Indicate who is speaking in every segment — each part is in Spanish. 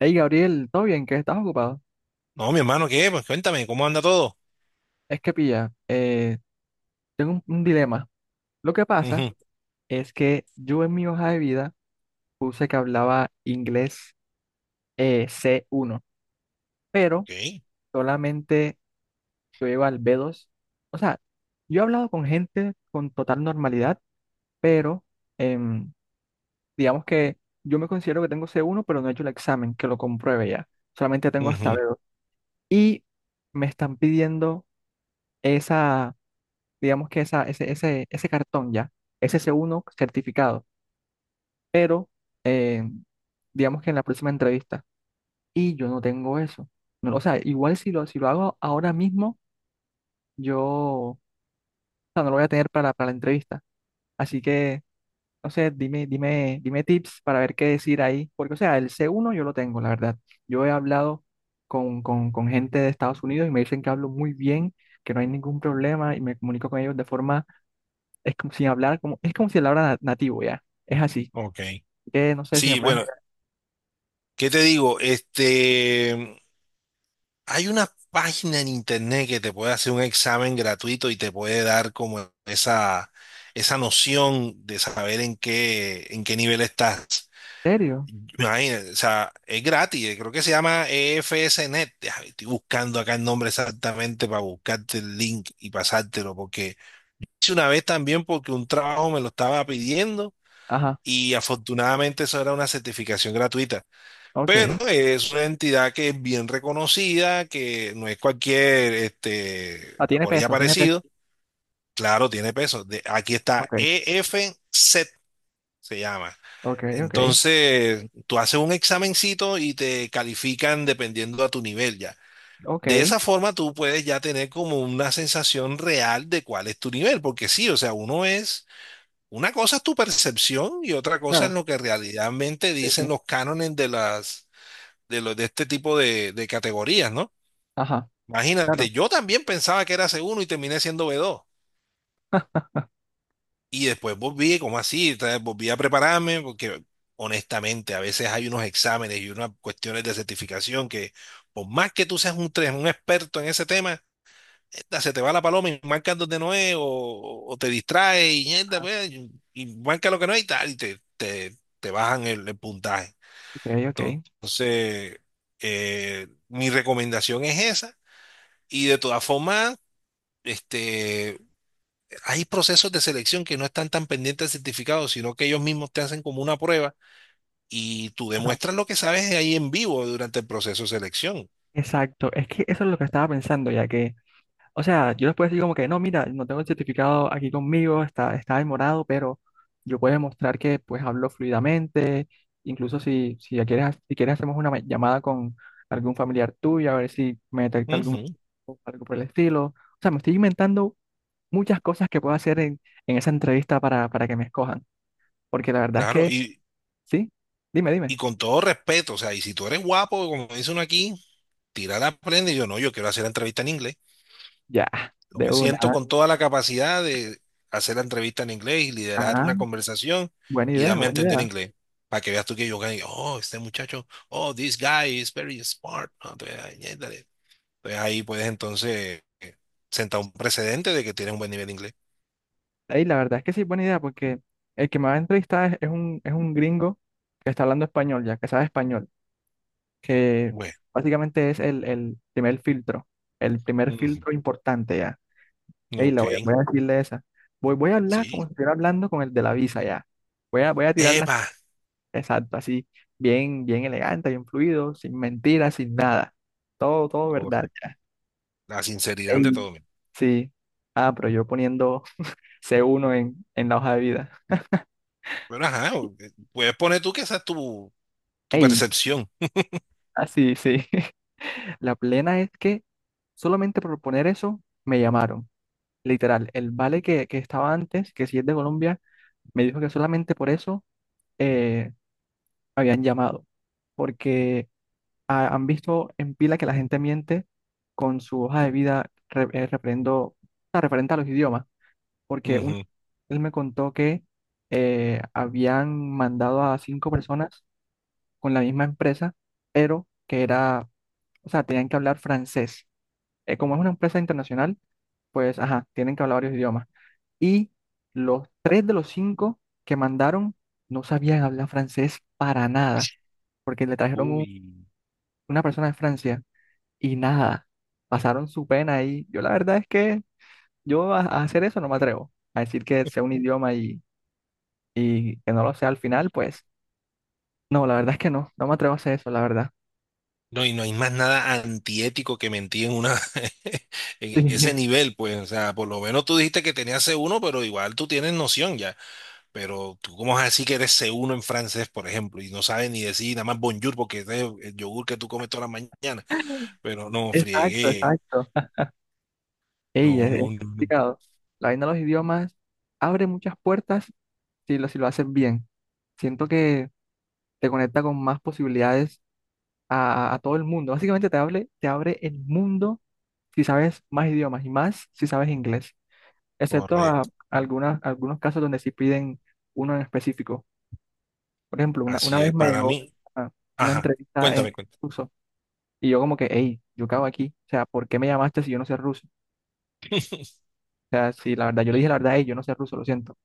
Speaker 1: Hey Gabriel, ¿todo bien? ¿Qué estás ocupado?
Speaker 2: No, mi hermano, ¿qué? Pues cuéntame, ¿cómo anda todo?
Speaker 1: Es que pilla, tengo un dilema. Lo que pasa
Speaker 2: Ujú.
Speaker 1: es que yo en mi hoja de vida puse que hablaba inglés C1, pero
Speaker 2: Ok.
Speaker 1: solamente yo iba al B2. O sea, yo he hablado con gente con total normalidad, pero em, digamos que yo me considero que tengo C1, pero no he hecho el examen, que lo compruebe ya. Solamente tengo hasta
Speaker 2: Ujú.
Speaker 1: B2. Y me están pidiendo esa digamos que ese cartón ya, es ese C1 certificado, pero eh, digamos que en la próxima entrevista, y yo no tengo eso. No, o sea, igual si lo hago ahora mismo, yo o no lo voy a tener para la entrevista. Así que, no sé, dime tips para ver qué decir ahí, porque o sea, el C1 yo lo tengo, la verdad. Yo he hablado con gente de Estados Unidos y me dicen que hablo muy bien, que no hay ningún problema y me comunico con ellos de forma es como sin hablar, como, es como si hablara nativo ya. Es así.
Speaker 2: Ok.
Speaker 1: No sé si me
Speaker 2: Sí,
Speaker 1: puedes.
Speaker 2: bueno, ¿qué te digo? Hay una página en internet que te puede hacer un examen gratuito y te puede dar como esa noción de saber en qué nivel estás.
Speaker 1: ¿En serio?
Speaker 2: Imagínate, o sea, es gratis, creo que se llama EFSNet. Déjame. Estoy buscando acá el nombre exactamente para buscarte el link y pasártelo, porque hice una vez también porque un trabajo me lo estaba pidiendo.
Speaker 1: Ajá,
Speaker 2: Y afortunadamente eso era una certificación gratuita. Pero
Speaker 1: ok.
Speaker 2: es una entidad que es bien reconocida, que no es cualquier,
Speaker 1: Ah, tiene
Speaker 2: por ella
Speaker 1: peso, tiene peso.
Speaker 2: parecido. Claro, tiene peso. Aquí está
Speaker 1: Ok,
Speaker 2: EFCET, se llama.
Speaker 1: ok, ok,
Speaker 2: Entonces, tú haces un examencito y te califican dependiendo a tu nivel ya. De
Speaker 1: ok.
Speaker 2: esa forma tú puedes ya tener como una sensación real de cuál es tu nivel, porque sí, o sea, uno es una cosa es tu percepción y otra cosa es
Speaker 1: Claro.
Speaker 2: lo que realmente
Speaker 1: Sí, sí.
Speaker 2: dicen los cánones de las de los de este tipo de categorías, ¿no?
Speaker 1: Ajá, claro.
Speaker 2: Imagínate, yo también pensaba que era C1 y terminé siendo B2. Y después volví, ¿como así? Entonces, volví a prepararme porque honestamente a veces hay unos exámenes y unas cuestiones de certificación que por más que tú seas un experto en ese tema, se te va la paloma y marcas donde no es, o te distraes y, mierda, pues, y marca lo que no es y tal, y te bajan el puntaje.
Speaker 1: Ok, ok.
Speaker 2: Entonces, mi recomendación es esa, y de todas formas, este, hay procesos de selección que no están tan pendientes del certificado, sino que ellos mismos te hacen como una prueba y tú
Speaker 1: Ajá.
Speaker 2: demuestras lo que sabes ahí en vivo durante el proceso de selección.
Speaker 1: Exacto. Es que eso es lo que estaba pensando, ya que, o sea, yo les puedo decir como que, no, mira, no tengo el certificado aquí conmigo, está en morado, pero yo puedo demostrar que pues hablo fluidamente, incluso si ya quieres, si quieres hacemos una llamada con algún familiar tuyo, a ver si me detecta algún
Speaker 2: Ujú,
Speaker 1: o algo por el estilo. O sea, me estoy inventando muchas cosas que puedo hacer en esa entrevista para que me escojan. Porque la verdad es
Speaker 2: claro,
Speaker 1: que, sí, dime.
Speaker 2: y con todo respeto, o sea, y si tú eres guapo, como dice uno aquí, tirar la prenda y yo no, yo quiero hacer la entrevista en inglés.
Speaker 1: Ya,
Speaker 2: Yo
Speaker 1: de
Speaker 2: me siento
Speaker 1: una.
Speaker 2: con toda la capacidad de hacer la entrevista en inglés y liderar
Speaker 1: Ah,
Speaker 2: una conversación
Speaker 1: buena
Speaker 2: y
Speaker 1: idea,
Speaker 2: darme a
Speaker 1: buena
Speaker 2: entender
Speaker 1: idea.
Speaker 2: inglés. Para que veas tú que yo gané, oh, este muchacho, oh, "this guy is very smart". ¿No? Entonces, ay, ñéndale. Entonces, ahí puedes entonces sentar un precedente de que tienes un buen nivel de inglés.
Speaker 1: Ey, la verdad es que sí, buena idea, porque el que me va a entrevistar es es un gringo que está hablando español, ya que sabe español, que
Speaker 2: Bueno.
Speaker 1: básicamente es el primer
Speaker 2: Ujú.
Speaker 1: filtro importante ya. Ey,
Speaker 2: Ok.
Speaker 1: voy a decirle esa. Voy a hablar como
Speaker 2: Sí.
Speaker 1: si estuviera hablando con el de la visa ya. Voy a tirar las
Speaker 2: Epa.
Speaker 1: exacto, así, bien, bien elegante, bien fluido, sin mentiras, sin nada. Todo verdad
Speaker 2: Correcto.
Speaker 1: ya.
Speaker 2: La sinceridad de
Speaker 1: Ey,
Speaker 2: todo. Mira.
Speaker 1: sí. Ah, pero yo poniendo C1 en la hoja de vida.
Speaker 2: Pero ajá, puedes poner tú que esa es tu, tu
Speaker 1: Ey,
Speaker 2: percepción.
Speaker 1: así, sí. La plena es que solamente por poner eso me llamaron. Literal, el vale que estaba antes, que si es de Colombia, me dijo que solamente por eso eh, me habían llamado. Porque han visto en pila que la gente miente con su hoja de vida referente a los idiomas, porque
Speaker 2: Ujú.
Speaker 1: él me contó que habían mandado a 5 personas con la misma empresa, pero que era, o sea, tenían que hablar francés. Como es una empresa internacional, pues, ajá, tienen que hablar varios idiomas. Y los 3 de los 5 que mandaron no sabían hablar francés para nada, porque le trajeron una persona de Francia. Y nada, pasaron su pena ahí. Yo la verdad es que yo a hacer eso no me atrevo. A decir que sea un idioma y que no lo sea al final, pues no, la verdad es que no, no me atrevo a hacer eso, la verdad.
Speaker 2: No, y no hay más nada antiético que mentir en una en ese nivel, pues, o sea, por lo menos tú dijiste que tenías c uno, pero igual tú tienes noción ya, pero tú cómo vas a decir que eres c uno en francés, por ejemplo, y no sabes ni decir nada más bonjour porque ese es el yogur que tú comes toda la mañana, pero no,
Speaker 1: Sí, exacto,
Speaker 2: friegué,
Speaker 1: exacto. Ey,
Speaker 2: no,
Speaker 1: es
Speaker 2: no, no, no,
Speaker 1: complicado. La vaina de los idiomas abre muchas puertas si lo haces bien. Siento que te conecta con más posibilidades a todo el mundo. Básicamente te abre el mundo si sabes más idiomas y más si sabes inglés. Excepto a
Speaker 2: correcto,
Speaker 1: algunos casos donde sí piden uno en específico. Por ejemplo, una
Speaker 2: así
Speaker 1: vez
Speaker 2: es
Speaker 1: me
Speaker 2: para
Speaker 1: llegó
Speaker 2: mí,
Speaker 1: ah, una
Speaker 2: ajá,
Speaker 1: entrevista en
Speaker 2: cuéntame, cuéntame.
Speaker 1: ruso y yo como que, hey, yo cago aquí, o sea, ¿por qué me llamaste si yo no sé ruso? O sea, si la verdad, yo le dije la verdad, hey, yo no sé ruso, lo siento.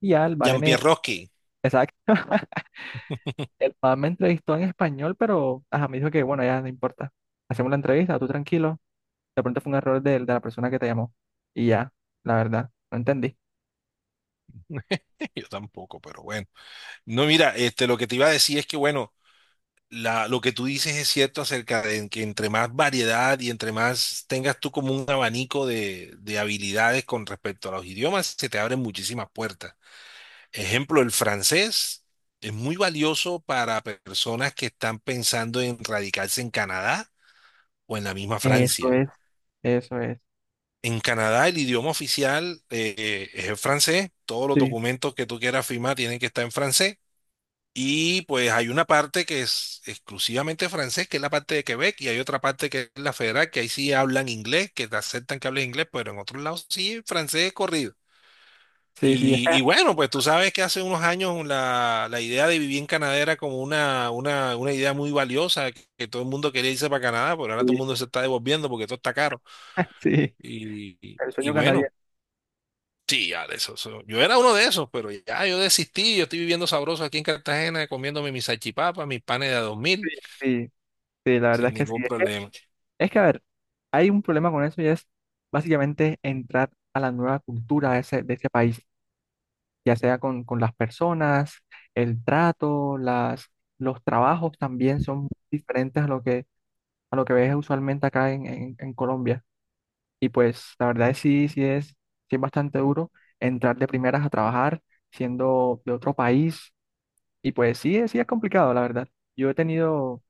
Speaker 1: Y ya el vale me,
Speaker 2: Jean-Pierre Roski.
Speaker 1: exacto, el vale me entrevistó en español, pero ajá, me dijo que, bueno, ya no importa, hacemos la entrevista, tú tranquilo, de pronto fue un error de la persona que te llamó. Y ya, la verdad, no entendí.
Speaker 2: Yo tampoco, pero bueno. No, mira, lo que te iba a decir es que, bueno, lo que tú dices es cierto acerca de que entre más variedad y entre más tengas tú como un abanico de habilidades con respecto a los idiomas, se te abren muchísimas puertas. Ejemplo, el francés es muy valioso para personas que están pensando en radicarse en Canadá o en la misma
Speaker 1: Eso
Speaker 2: Francia.
Speaker 1: es, eso es.
Speaker 2: En Canadá el idioma oficial es el francés, todos los
Speaker 1: Sí,
Speaker 2: documentos que tú quieras firmar tienen que estar en francés. Y pues hay una parte que es exclusivamente francés, que es la parte de Quebec, y hay otra parte que es la federal, que ahí sí hablan inglés, que te aceptan que hables inglés, pero en otros lados sí, francés corrido.
Speaker 1: sí, sí, es
Speaker 2: Y bueno, pues tú sabes que hace unos años la idea de vivir en Canadá era como una idea muy valiosa, que todo el mundo quería irse para Canadá, pero ahora todo el
Speaker 1: que-
Speaker 2: mundo se está devolviendo porque todo está caro.
Speaker 1: Sí,
Speaker 2: Y, y
Speaker 1: el
Speaker 2: y
Speaker 1: sueño
Speaker 2: bueno.
Speaker 1: canadiense.
Speaker 2: Sí, ya, de eso, eso- Yo era uno de esos, pero ya yo desistí. Yo estoy viviendo sabroso aquí en Cartagena, comiéndome mis salchipapas, mis panes de a dos
Speaker 1: Sí,
Speaker 2: mil,
Speaker 1: sí, sí, la verdad
Speaker 2: sin
Speaker 1: es que sí.
Speaker 2: ningún problema.
Speaker 1: Es que, a ver, hay un problema con eso y es básicamente entrar a la nueva cultura de de ese país, ya sea con las personas, el trato, las, los trabajos también son diferentes a lo que ves usualmente acá en Colombia. Y pues la verdad es sí, sí es bastante duro entrar de primeras a trabajar siendo de otro país. Y pues sí, sí es complicado, la verdad. Yo he tenido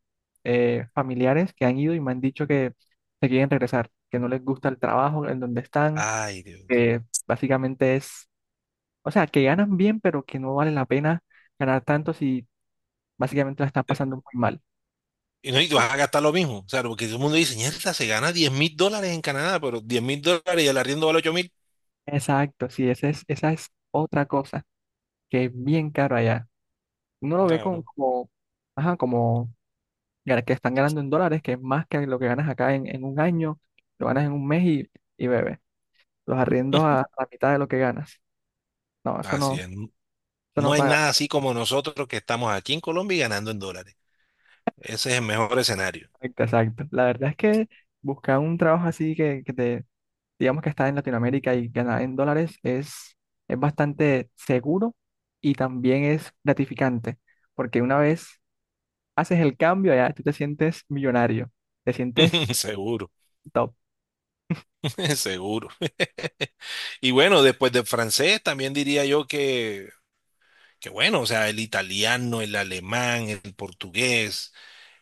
Speaker 1: familiares que han ido y me han dicho que se quieren regresar, que no les gusta el trabajo en donde están,
Speaker 2: Ay, Dios.
Speaker 1: que básicamente es, o sea, que ganan bien, pero que no vale la pena ganar tanto si básicamente la están pasando muy mal.
Speaker 2: Y no, y vas a gastar lo mismo. O sea, porque todo el mundo dice, "Mierda, se gana $10,000 en Canadá, pero $10,000 y el arriendo vale 8,000".
Speaker 1: Exacto, sí, esa es otra cosa que es bien caro allá. Uno lo ve
Speaker 2: Claro,
Speaker 1: ajá, como que están ganando en dólares, que es más que lo que ganas acá en un año, lo ganas en un mes y bebe. Los arriendos a la mitad de lo que ganas. No,
Speaker 2: así es.
Speaker 1: eso
Speaker 2: No
Speaker 1: no
Speaker 2: hay
Speaker 1: paga.
Speaker 2: nada así como nosotros que estamos aquí en Colombia y ganando en dólares. Ese es el mejor escenario.
Speaker 1: Exacto, exacto. La verdad es que buscar un trabajo así que te, digamos que está en Latinoamérica y ganar en dólares es bastante seguro y también es gratificante, porque una vez haces el cambio, ya tú te sientes millonario, te sientes
Speaker 2: Seguro.
Speaker 1: top.
Speaker 2: Seguro. Y bueno, después del francés, también diría yo que qué bueno, o sea, el italiano, el alemán, el portugués,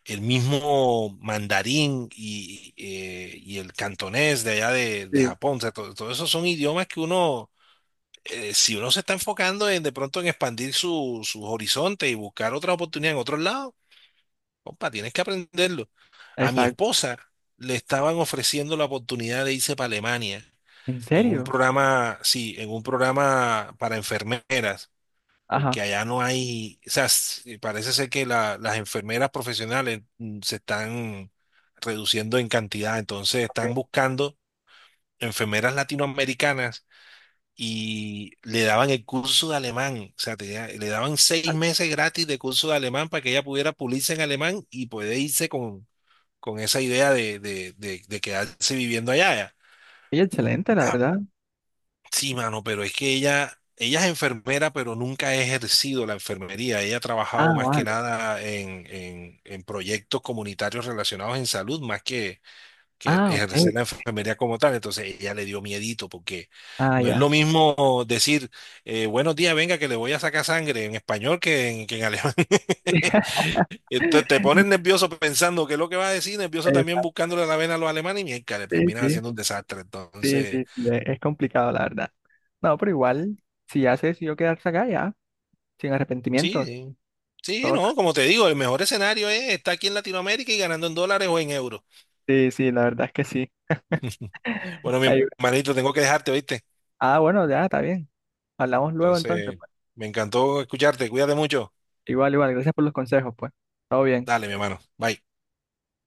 Speaker 2: el mismo mandarín y el cantonés de allá de
Speaker 1: Sí.
Speaker 2: Japón, o sea, todo, esos son idiomas que uno, si uno se está enfocando en de pronto en expandir su, su horizonte y buscar otra oportunidad en otro lado, compa, tienes que aprenderlo. A mi
Speaker 1: Exacto.
Speaker 2: esposa le estaban ofreciendo la oportunidad de irse para Alemania
Speaker 1: ¿En
Speaker 2: en un
Speaker 1: serio?
Speaker 2: programa, sí, en un programa para enfermeras porque
Speaker 1: Ajá.
Speaker 2: allá no hay, o sea, parece ser que las enfermeras profesionales mm, se están reduciendo en cantidad, entonces
Speaker 1: Ok.
Speaker 2: están buscando enfermeras latinoamericanas y le daban el curso de alemán, o sea, le daban 6 meses gratis de curso de alemán para que ella pudiera pulirse en alemán y poder irse con esa idea de quedarse viviendo allá.
Speaker 1: Y excelente, la verdad.
Speaker 2: Sí, mano, pero es que ella es enfermera, pero nunca ha ejercido la enfermería. Ella ha trabajado
Speaker 1: Ah,
Speaker 2: más que
Speaker 1: vale.
Speaker 2: nada en, en proyectos comunitarios relacionados en salud, más que el
Speaker 1: Ah, ok.
Speaker 2: ejercer la enfermería como tal. Entonces ella le dio miedito, porque
Speaker 1: Ah,
Speaker 2: no es
Speaker 1: ya.
Speaker 2: lo mismo decir, buenos días, venga, que le voy a sacar sangre en español que en alemán. Entonces te pones nervioso pensando qué es lo que va a decir, nervioso también
Speaker 1: Exacto.
Speaker 2: buscándole la vena a los alemanes y mierda, le
Speaker 1: Sí,
Speaker 2: terminas
Speaker 1: sí,
Speaker 2: haciendo un desastre.
Speaker 1: sí,
Speaker 2: Entonces...
Speaker 1: sí, sí, es complicado, la verdad. No, pero igual, si ya se decidió quedarse acá, ya. Sin
Speaker 2: Sí,
Speaker 1: arrepentimiento.
Speaker 2: sí. Sí,
Speaker 1: Todo.
Speaker 2: no, como te digo, el mejor escenario es estar aquí en Latinoamérica y ganando en dólares o en euros.
Speaker 1: Sí, sí, la verdad es que sí.
Speaker 2: Bueno, mi
Speaker 1: Ahí-
Speaker 2: hermanito, tengo que dejarte, ¿oíste?
Speaker 1: Ah, bueno, ya está bien. Hablamos luego entonces,
Speaker 2: Entonces,
Speaker 1: pues.
Speaker 2: me encantó escucharte. Cuídate mucho.
Speaker 1: Igual, igual, gracias por los consejos, pues. Todo bien.
Speaker 2: Dale, mi hermano. Bye.